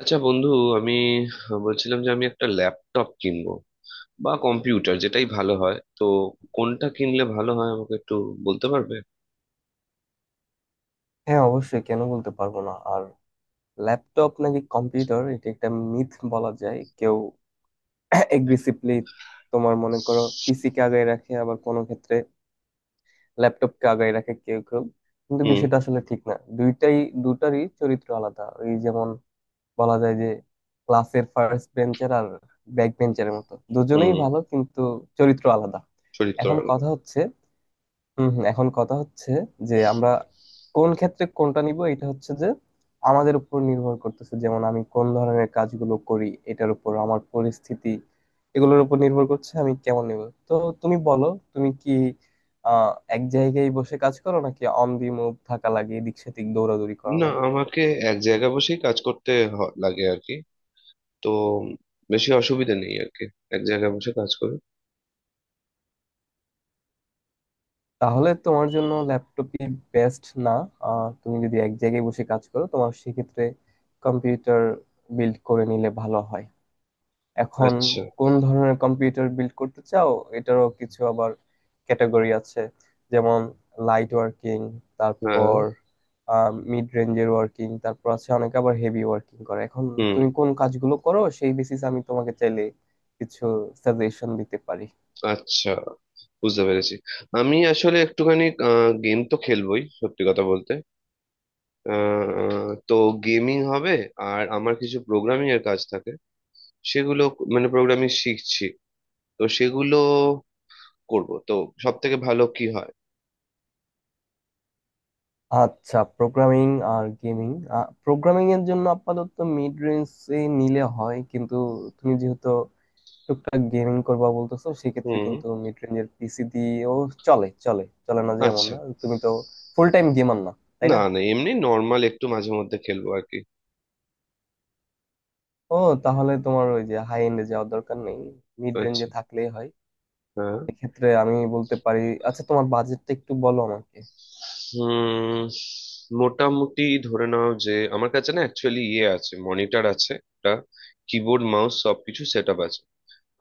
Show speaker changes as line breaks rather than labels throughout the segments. আচ্ছা, বন্ধু। আমি বলছিলাম যে আমি একটা ল্যাপটপ কিনবো বা কম্পিউটার, যেটাই ভালো হয়। তো কোনটা কিনলে ভালো হয় আমাকে একটু বলতে পারবে?
হ্যাঁ, অবশ্যই, কেন বলতে পারবো না। আর ল্যাপটপ নাকি কম্পিউটার, এটা একটা মিথ বলা যায়। কেউ এগ্রেসিভলি তোমার মনে করো পিসি কে আগায় রাখে, আবার কোনো ক্ষেত্রে ল্যাপটপ কে আগায় রাখে কেউ কেউ। কিন্তু
হুম।
বিষয়টা আসলে ঠিক না, দুইটাই দুটারই চরিত্র আলাদা। এই যেমন বলা যায় যে ক্লাসের ফার্স্ট বেঞ্চের আর ব্যাক বেঞ্চের মতো দুজনেই
হুম।
ভালো, কিন্তু চরিত্র আলাদা।
শরীর তো
এখন
আর-
কথা হচ্ছে এখন কথা হচ্ছে যে আমরা কোন ক্ষেত্রে কোনটা নিব। এটা হচ্ছে যে আমাদের উপর নির্ভর করতেছে, যেমন আমি কোন ধরনের কাজগুলো করি, এটার উপর, আমার পরিস্থিতি, এগুলোর উপর নির্ভর করছে আমি কেমন নিব। তো তুমি বলো, তুমি কি আহ এক জায়গায় বসে কাজ করো নাকি অন দি মুভ থাকা লাগে, এদিক সেদিক দৌড়াদৌড়ি করা
না,
লাগে?
আমাকে এক জায়গায় বসেই কাজ করতে লাগে আর কি। তো বেশি অসুবিধা নেই আর কি। এক জায়গায় বসে কাজ করি।
তাহলে তোমার জন্য ল্যাপটপই বেস্ট, না? তুমি যদি এক জায়গায় বসে কাজ করো, তোমার সেক্ষেত্রে কম্পিউটার বিল্ড করে নিলে ভালো হয়। এখন
আচ্ছা।
কোন ধরনের কম্পিউটার বিল্ড করতে চাও? এটারও কিছু আবার ক্যাটাগরি আছে, যেমন লাইট ওয়ার্কিং,
হ্যাঁ।
তারপর মিড রেঞ্জের ওয়ার্কিং, তারপর আছে অনেকে আবার হেভি ওয়ার্কিং করে। এখন
হুম।
তুমি কোন কাজগুলো করো সেই বেসিস আমি তোমাকে চাইলে কিছু সাজেশন দিতে পারি।
আচ্ছা, বুঝতে পেরেছি। আমি আসলে একটুখানি গেম তো খেলবোই, সত্যি কথা বলতে। তো গেমিং হবে। আর আমার কিছু প্রোগ্রামিং এর কাজ থাকে, সেগুলো মানে প্রোগ্রামিং শিখছি, তো সেগুলো করব তো। সব থেকে ভালো কি হয়?
আচ্ছা, প্রোগ্রামিং আর গেমিং। প্রোগ্রামিং এর জন্য আপাতত মিড রেঞ্জ নিলে হয়, কিন্তু তুমি যেহেতু টুকটাক গেমিং করবা বলতেছো, সেক্ষেত্রে
হুম।
কিন্তু মিড রেঞ্জের পিসি দিয়েও চলে চলে চলে না। যেমন
আচ্ছা।
না, তুমি তো ফুল টাইম গেমার না, তাই
না
না?
না, এমনি নর্মাল একটু মাঝে মধ্যে খেলবো আর কি।
ও, তাহলে তোমার ওই যে হাই এন্ডে যাওয়ার দরকার নেই, মিড
আচ্ছা।
রেঞ্জে থাকলেই হয়।
হ্যাঁ।
এক্ষেত্রে আমি বলতে পারি, আচ্ছা তোমার বাজেটটা একটু বলো আমাকে।
হুম। মোটামুটি ধরে নাও যে আমার কাছে না অ্যাকচুয়ালি ইয়ে আছে, মনিটর আছে একটা, কিবোর্ড মাউস সবকিছু সেট আপ আছে।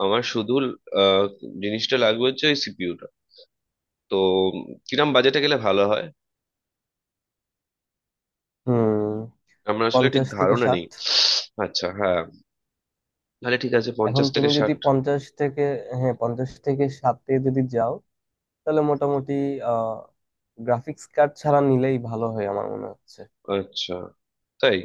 আমার শুধু আহ, জিনিসটা লাগবে, হচ্ছে ওই সিপিইউটা। তো কিরম বাজেটে গেলে ভালো হয়?
হুম,
আমার আসলে ঠিক
পঞ্চাশ থেকে
ধারণা
ষাট
নেই। আচ্ছা। হ্যাঁ, তাহলে ঠিক আছে
এখন
পঞ্চাশ থেকে
তুমি যদি
ষাট
পঞ্চাশ থেকে হ্যাঁ, 50 থেকে 60-এ যদি যাও তাহলে মোটামুটি আহ গ্রাফিক্স কার্ড ছাড়া নিলেই ভালো হয় আমার মনে হচ্ছে।
আচ্ছা। তাই?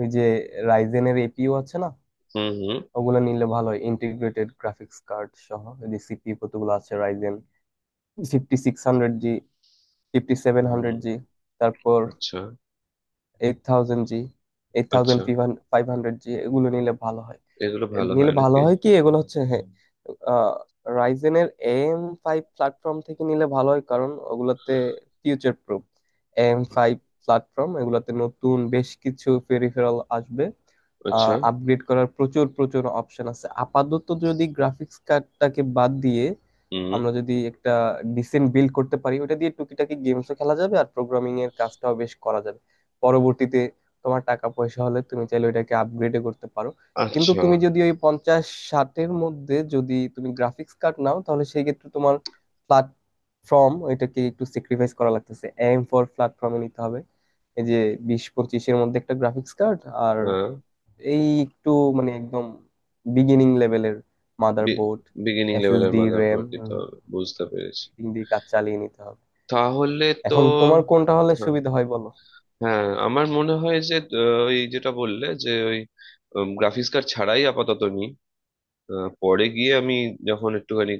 ওই যে রাইজেনের এপিইউ আছে না,
হুম। হুম।
ওগুলো নিলে ভালো হয়, ইন্টিগ্রেটেড গ্রাফিক্স কার্ড সহ। যদি সিপিইউ কতগুলো আছে Ryzen fifty six hundred G, fifty seven
hmm.
Hundred G, তারপর
আচ্ছা।
Eight thousand G, eight thousand
আচ্ছা।
ফাইভ হান্ড্রেড জি, এগুলো নিলে ভালো হয়।
এগুলো ভালো হয়
নিলে ভালো
নাকি?
হয় কি, এগুলো হচ্ছে হ্যাঁ রাইজেনের এম ফাইভ প্ল্যাটফর্ম থেকে নিলে ভালো হয়, কারণ ওগুলোতে future proof. M five platform, এগুলোতে নতুন বেশ কিছু পেরিফেরাল আসবে,
আচ্ছা।
আপগ্রেড করার প্রচুর প্রচুর অপশন আছে। আপাতত যদি গ্রাফিক্স কার্ডটাকে বাদ দিয়ে
হুম।
আমরা যদি একটা ডিসেন্ট বিল্ড করতে পারি, ওটা দিয়ে টুকিটাকি গেমসও খেলা যাবে আর প্রোগ্রামিং এর কাজটাও বেশ করা যাবে। পরবর্তীতে তোমার টাকা পয়সা হলে তুমি চাইলে ওইটাকে আপগ্রেডও করতে পারো। কিন্তু
আচ্ছা।
তুমি যদি ওই 50-60-এর মধ্যে যদি তুমি গ্রাফিক্স কার্ড নাও, তাহলে সেই ক্ষেত্রে তোমার প্ল্যাটফর্ম ওইটাকে একটু স্যাক্রিফাইস করা লাগতেছে, এম ফর প্ল্যাটফর্মে নিতে হবে। এই যে 20-25-এর মধ্যে একটা গ্রাফিক্স কার্ড আর
হ্যাঁ।
এই একটু মানে একদম বিগিনিং লেভেলের মাদারবোর্ড,
বিগিনিং লেভেলের
এসএসডি, র্যাম
মাদারবোর্ড দিতে হবে, বুঝতে পেরেছি।
দিয়ে কাজ চালিয়ে নিতে হবে।
তাহলে তো।
এখন তোমার কোনটা হলে
হ্যাঁ।
সুবিধা হয় বলো।
হ্যাঁ, আমার মনে হয় যে ওই যেটা বললে, যে ওই গ্রাফিক্স কার্ড ছাড়াই আপাতত নি। পরে গিয়ে আমি, যখন একটুখানি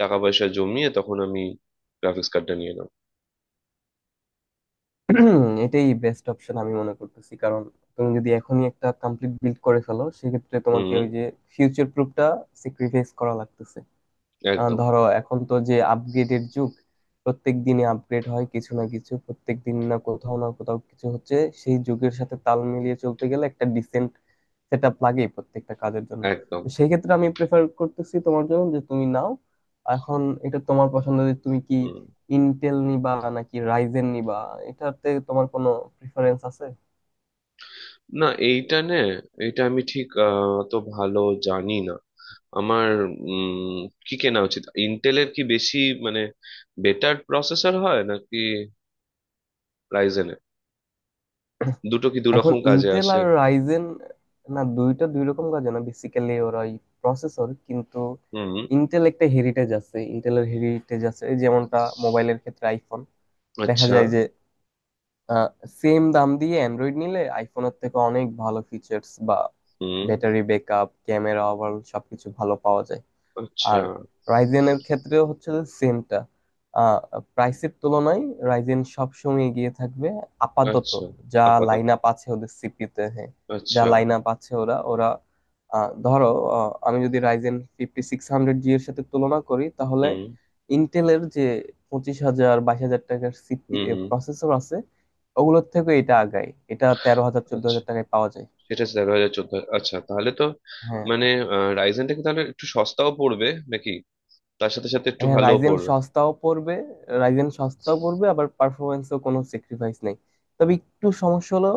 টাকা পয়সা জমিয়ে, তখন আমি গ্রাফিক্স কার্ডটা নিয়ে নেব।
এটাই বেস্ট অপশন আমি মনে করতেছি, কারণ তুমি যদি এখনই একটা কমপ্লিট বিল্ড করে ফেলো, সেক্ষেত্রে তোমাকে
হুম।
ওই যে ফিউচার প্রুফটা স্যাক্রিফাইস করা লাগতেছে।
একদম।
ধরো এখন তো যে আপগ্রেডের যুগ, প্রত্যেক দিনে আপগ্রেড হয় কিছু না কিছু। প্রত্যেক দিন না কোথাও না কোথাও কিছু হচ্ছে। সেই যুগের সাথে তাল মিলিয়ে চলতে গেলে একটা ডিসেন্ট সেট আপ লাগেই প্রত্যেকটা কাজের জন্য।
একদম।
তো সেই ক্ষেত্রে আমি প্রেফার করতেছি তোমার জন্য যে তুমি নাও এখন। এটা তোমার পছন্দ যে তুমি কি
হুম।
ইন্টেল নিবা নাকি রাইজেন নিবা, এটাতে তোমার কোনো প্রিফারেন্স আছে?
না, এইটা নে এটা আমি ঠিক অত ভালো জানি না। আমার উম কি কেনা উচিত? ইন্টেলের কি বেশি মানে বেটার প্রসেসর হয় নাকি রাইজেনের? দুটো কি
এখন
দুরকম কাজে
ইন্টেল
আসে?
আর রাইজেন না, দুইটা দুই রকম কাজ না। বেসিক্যালি ওরা প্রসেসর, কিন্তু
হুম।
ইন্টেলের হেরিটেজ আছে, যেমনটা মোবাইলের ক্ষেত্রে আইফোন দেখা
আচ্ছা।
যায় যে সেম দাম দিয়ে অ্যান্ড্রয়েড নিলে আইফোনের থেকে অনেক ভালো ফিচার্স বা
হুম।
ব্যাটারি ব্যাকআপ, ক্যামেরা, ওভারঅল সবকিছু ভালো পাওয়া যায়।
আচ্ছা।
আর রাইজেনের ক্ষেত্রেও হচ্ছে সেমটা। আহ প্রাইসের তুলনায় রাইজেন সবসময় এগিয়ে থাকবে, আপাতত
আচ্ছা।
যা
আপাতত।
লাইন আপ আছে ওদের সিপিতে। হ্যাঁ, যা
আচ্ছা।
লাইন আপ আছে ওরা ওরা ধরো আমি যদি Ryzen fifty six hundred G এর সাথে তুলনা করি তাহলে
হুম।
ইন্টেলের যে 25,000 22,000 টাকার সিপি
হুম। হুম।
প্রসেসর আছে ওগুলোর থেকে এটা আগায়। এটা 13,000 চোদ্দ
আচ্ছা।
হাজার টাকায় পাওয়া যায়।
সেটা আছে 11 হাজার 14। আচ্ছা, তাহলে তো
হ্যাঁ,
মানে রাইজেনটা কি তাহলে একটু সস্তাও পড়বে নাকি? তার সাথে সাথে একটু
হ্যাঁ
ভালোও
রাইজেন
পড়বে?
সস্তাও পড়বে। রাইজেন সস্তাও পড়বে আবার পারফরমেন্সও কোনো স্যাক্রিফাইস নেই। তবে একটু সমস্যা হলো,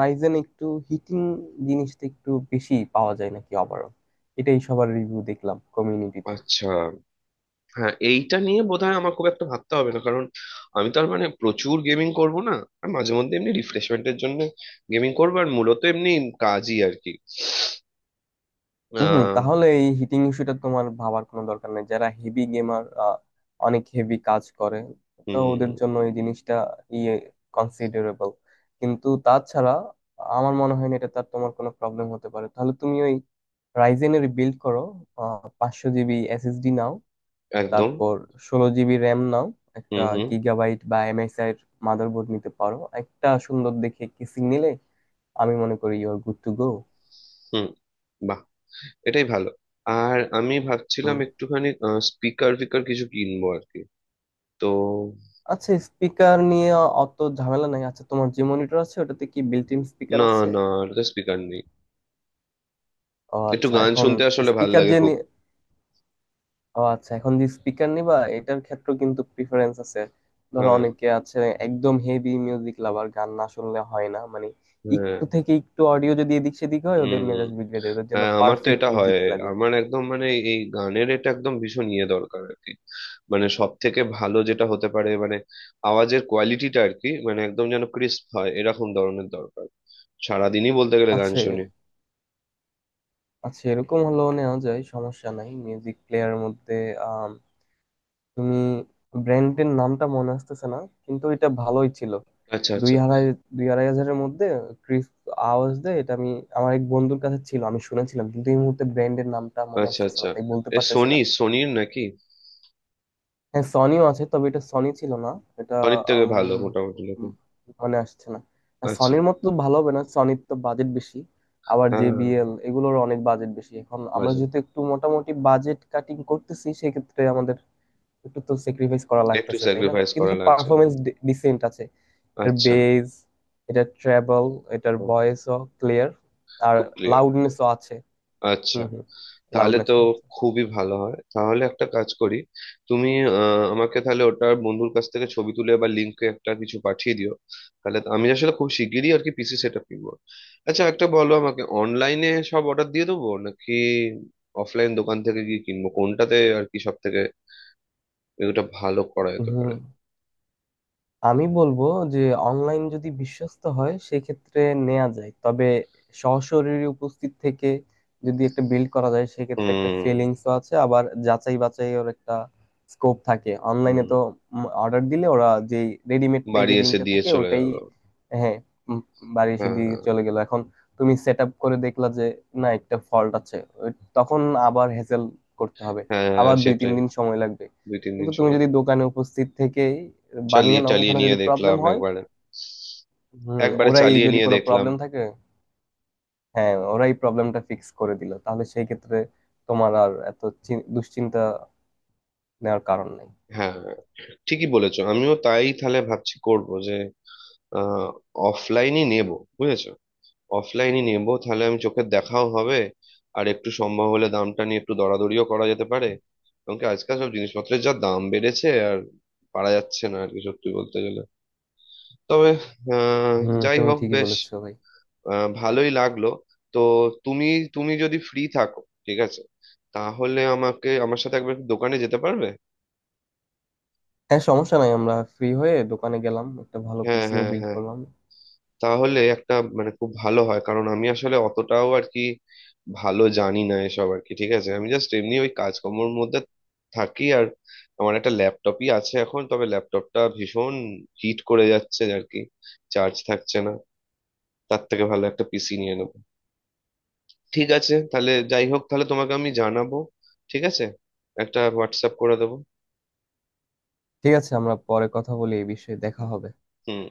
রাইজেন একটু হিটিং জিনিসটা একটু বেশি পাওয়া যায় নাকি ওভারঅল। এটাই সবার রিভিউ দেখলাম কমিউনিটিতে।
আচ্ছা। হ্যাঁ, এইটা নিয়ে বোধহয় আমার খুব একটা ভাবতে হবে না, কারণ আমি তো আর মানে প্রচুর গেমিং করব না। আর মাঝে মধ্যে এমনি রিফ্রেশমেন্টের জন্য গেমিং করবো আর মূলত এমনি কাজই আর কি।
হম হম,
আহ
তাহলে এই হিটিং ইস্যুটা তোমার ভাবার কোনো দরকার নেই। যারা হেভি গেমার, অনেক হেভি কাজ করে, তো
হুম।
ওদের জন্য এই জিনিসটা ইয়ে কনসিডারেবল। কিন্তু তাছাড়া আমার মনে হয় না এটা তোমার কোনো প্রবলেম হতে পারে। তাহলে তুমি ওই রাইজেনের বিল্ড করো, 500 জিবি এসএসডি নাও,
একদম।
তারপর 16 জিবি র্যাম নাও, একটা
হুম। হুম।
গিগাবাইট বা এমএসআই এর মাদারবোর্ড নিতে পারো, একটা সুন্দর দেখে কিসিং নিলে আমি মনে করি you are good to go.
Hmm. বাহ, এটাই ভালো। আর আমি ভাবছিলাম একটুখানি স্পিকার ফিকার কিছু কিনবো আর কি। তো
আচ্ছা, স্পিকার নিয়ে অত ঝামেলা নাই। আচ্ছা, তোমার যে মনিটর আছে ওটাতে কি বিল্ট ইন স্পিকার
না।
আছে?
না, স্পিকার নেই।
ও
একটু
আচ্ছা,
গান
এখন
শুনতে আসলে ভাল
স্পিকার
লাগে
যে
খুব।
নি- ও আচ্ছা, এখন যে স্পিকার নিবা এটার ক্ষেত্রে কিন্তু প্রিফারেন্স আছে। ধরো
হ্যাঁ।
অনেকে আছে একদম হেভি মিউজিক লাভার, গান না শুনলে হয় না মানে।
হ্যাঁ।
একটু থেকে একটু অডিও যদি এদিক সেদিক হয়
উম
ওদের মেজাজ বিগড়ে যায়, ওদের জন্য
হ্যাঁ, আমার তো
পারফেক্ট
এটা হয়।
মিউজিক লাগে।
আমার একদম মানে এই গানের এটা একদম ভীষণ ইয়ে দরকার আর কি। মানে সব থেকে ভালো যেটা হতে পারে, মানে আওয়াজের কোয়ালিটিটা আর কি, মানে একদম যেন ক্রিস্প হয় এরকম ধরনের দরকার। সারাদিনই বলতে গেলে গান
আচ্ছা
শুনি।
আচ্ছা, এরকম হলেও নেওয়া যায়, সমস্যা নাই। মিউজিক প্লেয়ারের মধ্যে তুমি ব্র্যান্ডের নামটা মনে আসতেছে না, কিন্তু এটা ভালোই ছিল।
আচ্ছা।
দুই
আচ্ছা।
আড়াই 2-2.5 হাজারের মধ্যে ক্রিস আওয়াজ দেয়। এটা আমি আমার এক বন্ধুর কাছে ছিল, আমি শুনেছিলাম, কিন্তু এই মুহূর্তে ব্র্যান্ডের নামটা মনে
আচ্ছা।
আসতেছে না,
আচ্ছা।
তাই বলতে
এ
পারতেছি
সোনি?
না।
সোনির নাকি?
হ্যাঁ, সনিও আছে, তবে এটা সনি ছিল না। এটা
সোনির থেকে
আম,
ভালো মোটামুটি নাকি?
উম, মনে আসছে না। আর
আচ্ছা।
সনির মতো তো ভালো হবে না, সনির তো বাজেট বেশি। আবার
হ্যাঁ।
জেবিএল এগুলোর অনেক বাজেট বেশি। এখন আমরা
বাজে
যেহেতু একটু মোটামুটি বাজেট কাটিং করতেছি সেক্ষেত্রে আমাদের একটু তো স্যাক্রিফাইস করা
একটু
লাগতেছে, তাই না?
স্যাক্রিফাইস
কিন্তু
করা লাগছে
পারফরমেন্স
আমার।
ডিসেন্ট আছে। এটার
আচ্ছা।
বেস, এটার ট্র্যাভেল, এটার
ও,
ভয়েসও ক্লিয়ার, আর
খুব ক্লিয়ার।
লাউডনেসও আছে।
আচ্ছা।
হুম হুম,
তাহলে তো
লাউডনেসও আছে।
খুবই ভালো হয়। তাহলে একটা কাজ করি। তুমি আমাকে তাহলে ওটার, বন্ধুর কাছ থেকে ছবি তুলে বা লিঙ্কে একটা কিছু পাঠিয়ে দিও। তাহলে আমি আসলে খুব শিগগিরই আর কি পিসি সেট আপ কিনবো। আচ্ছা, একটা বলো আমাকে, অনলাইনে সব অর্ডার দিয়ে দেবো নাকি অফলাইন দোকান থেকে গিয়ে কিনবো? কোনটাতে আর কি সব থেকে এটা ভালো করা যেতে
হুম,
পারে?
আমি বলবো যে অনলাইন যদি বিশ্বস্ত হয় সেক্ষেত্রে নেওয়া যায়, তবে সশরীরে উপস্থিত থেকে যদি একটা বিল্ড করা যায় সেক্ষেত্রে একটা
হুম।
ফিলিংসও আছে, আবার যাচাই বাছাইয়ের একটা স্কোপ থাকে। অনলাইনে
হুম।
তো অর্ডার দিলে ওরা যে রেডিমেড
বাড়ি এসে
প্যাকেজিংটা
দিয়ে
থাকে
চলে
ওটাই।
গেল।
হ্যাঁ, উম, বাড়ি এসে দিয়ে
হ্যাঁ
চলে গেল এখন, তুমি সেট আপ করে দেখলা যে না একটা ফল্ট আছে, তখন আবার হ্যাসেল করতে হবে।
হ্যাঁ হ্যাঁ,
আবার দুই তিন
সেটাই।
দিন সময় লাগবে।
দুই তিন
কিন্তু
দিন
তুমি
সময়
যদি
লাগে।
দোকানে উপস্থিত থেকে বানিয়ে
চালিয়ে
নাও,
চালিয়ে
ওখানে
নিয়ে
যদি প্রবলেম
দেখলাম
হয়,
একবারে।
হুম,
একবারে
ওরাই
চালিয়ে
যদি
নিয়ে
কোনো
দেখলাম।
প্রবলেম থাকে, হ্যাঁ, ওরাই প্রবলেমটা ফিক্স করে দিল তাহলে সেই ক্ষেত্রে তোমার আর এত দুশ্চিন্তা নেওয়ার কারণ নেই।
হ্যাঁ হ্যাঁ। ঠিকই বলেছো। আমিও তাই তাহলে ভাবছি, করব যে অফলাইনই নেব। বুঝেছো, অফলাইনই নেব তাহলে। আমি চোখের দেখাও হবে আর একটু সম্ভব হলে দামটা নিয়ে একটু দরাদরিও করা যেতে পারে। কারণ কি, আজকাল সব জিনিসপত্রের যা দাম বেড়েছে, আর পারা যাচ্ছে না আর কি সত্যি বলতে গেলে। তবে
হুম,
যাই
তুমি
হোক,
ঠিকই
বেশ।
বলেছো ভাই।
ভালোই লাগলো। তো তুমি, তুমি যদি ফ্রি থাকো, ঠিক আছে, তাহলে আমাকে আমার সাথে একবার একটু দোকানে যেতে পারবে?
হ্যাঁ, সমস্যা নাই, আমরা ফ্রি হয়ে দোকানে গেলাম, একটা ভালো
হ্যাঁ
পিসিও
হ্যাঁ
বিল্ড
হ্যাঁ,
করলাম।
তাহলে একটা মানে খুব ভালো হয় কারণ আমি আসলে অতটাও আর কি ভালো জানি না এসব আর কি। ঠিক আছে, আমি জাস্ট এমনি ওই কাজকর্মের মধ্যে থাকি আর আমার একটা ল্যাপটপই আছে এখন, তবে ল্যাপটপটা ভীষণ হিট করে যাচ্ছে আর কি। চার্জ থাকছে না। তার থেকে ভালো একটা পিসি নিয়ে নেবো। ঠিক আছে, তাহলে যাই হোক, তাহলে তোমাকে আমি জানাবো। ঠিক আছে, একটা হোয়াটসঅ্যাপ করে দেবো।
ঠিক আছে, আমরা পরে কথা বলি এই বিষয়ে, দেখা হবে।
হুম।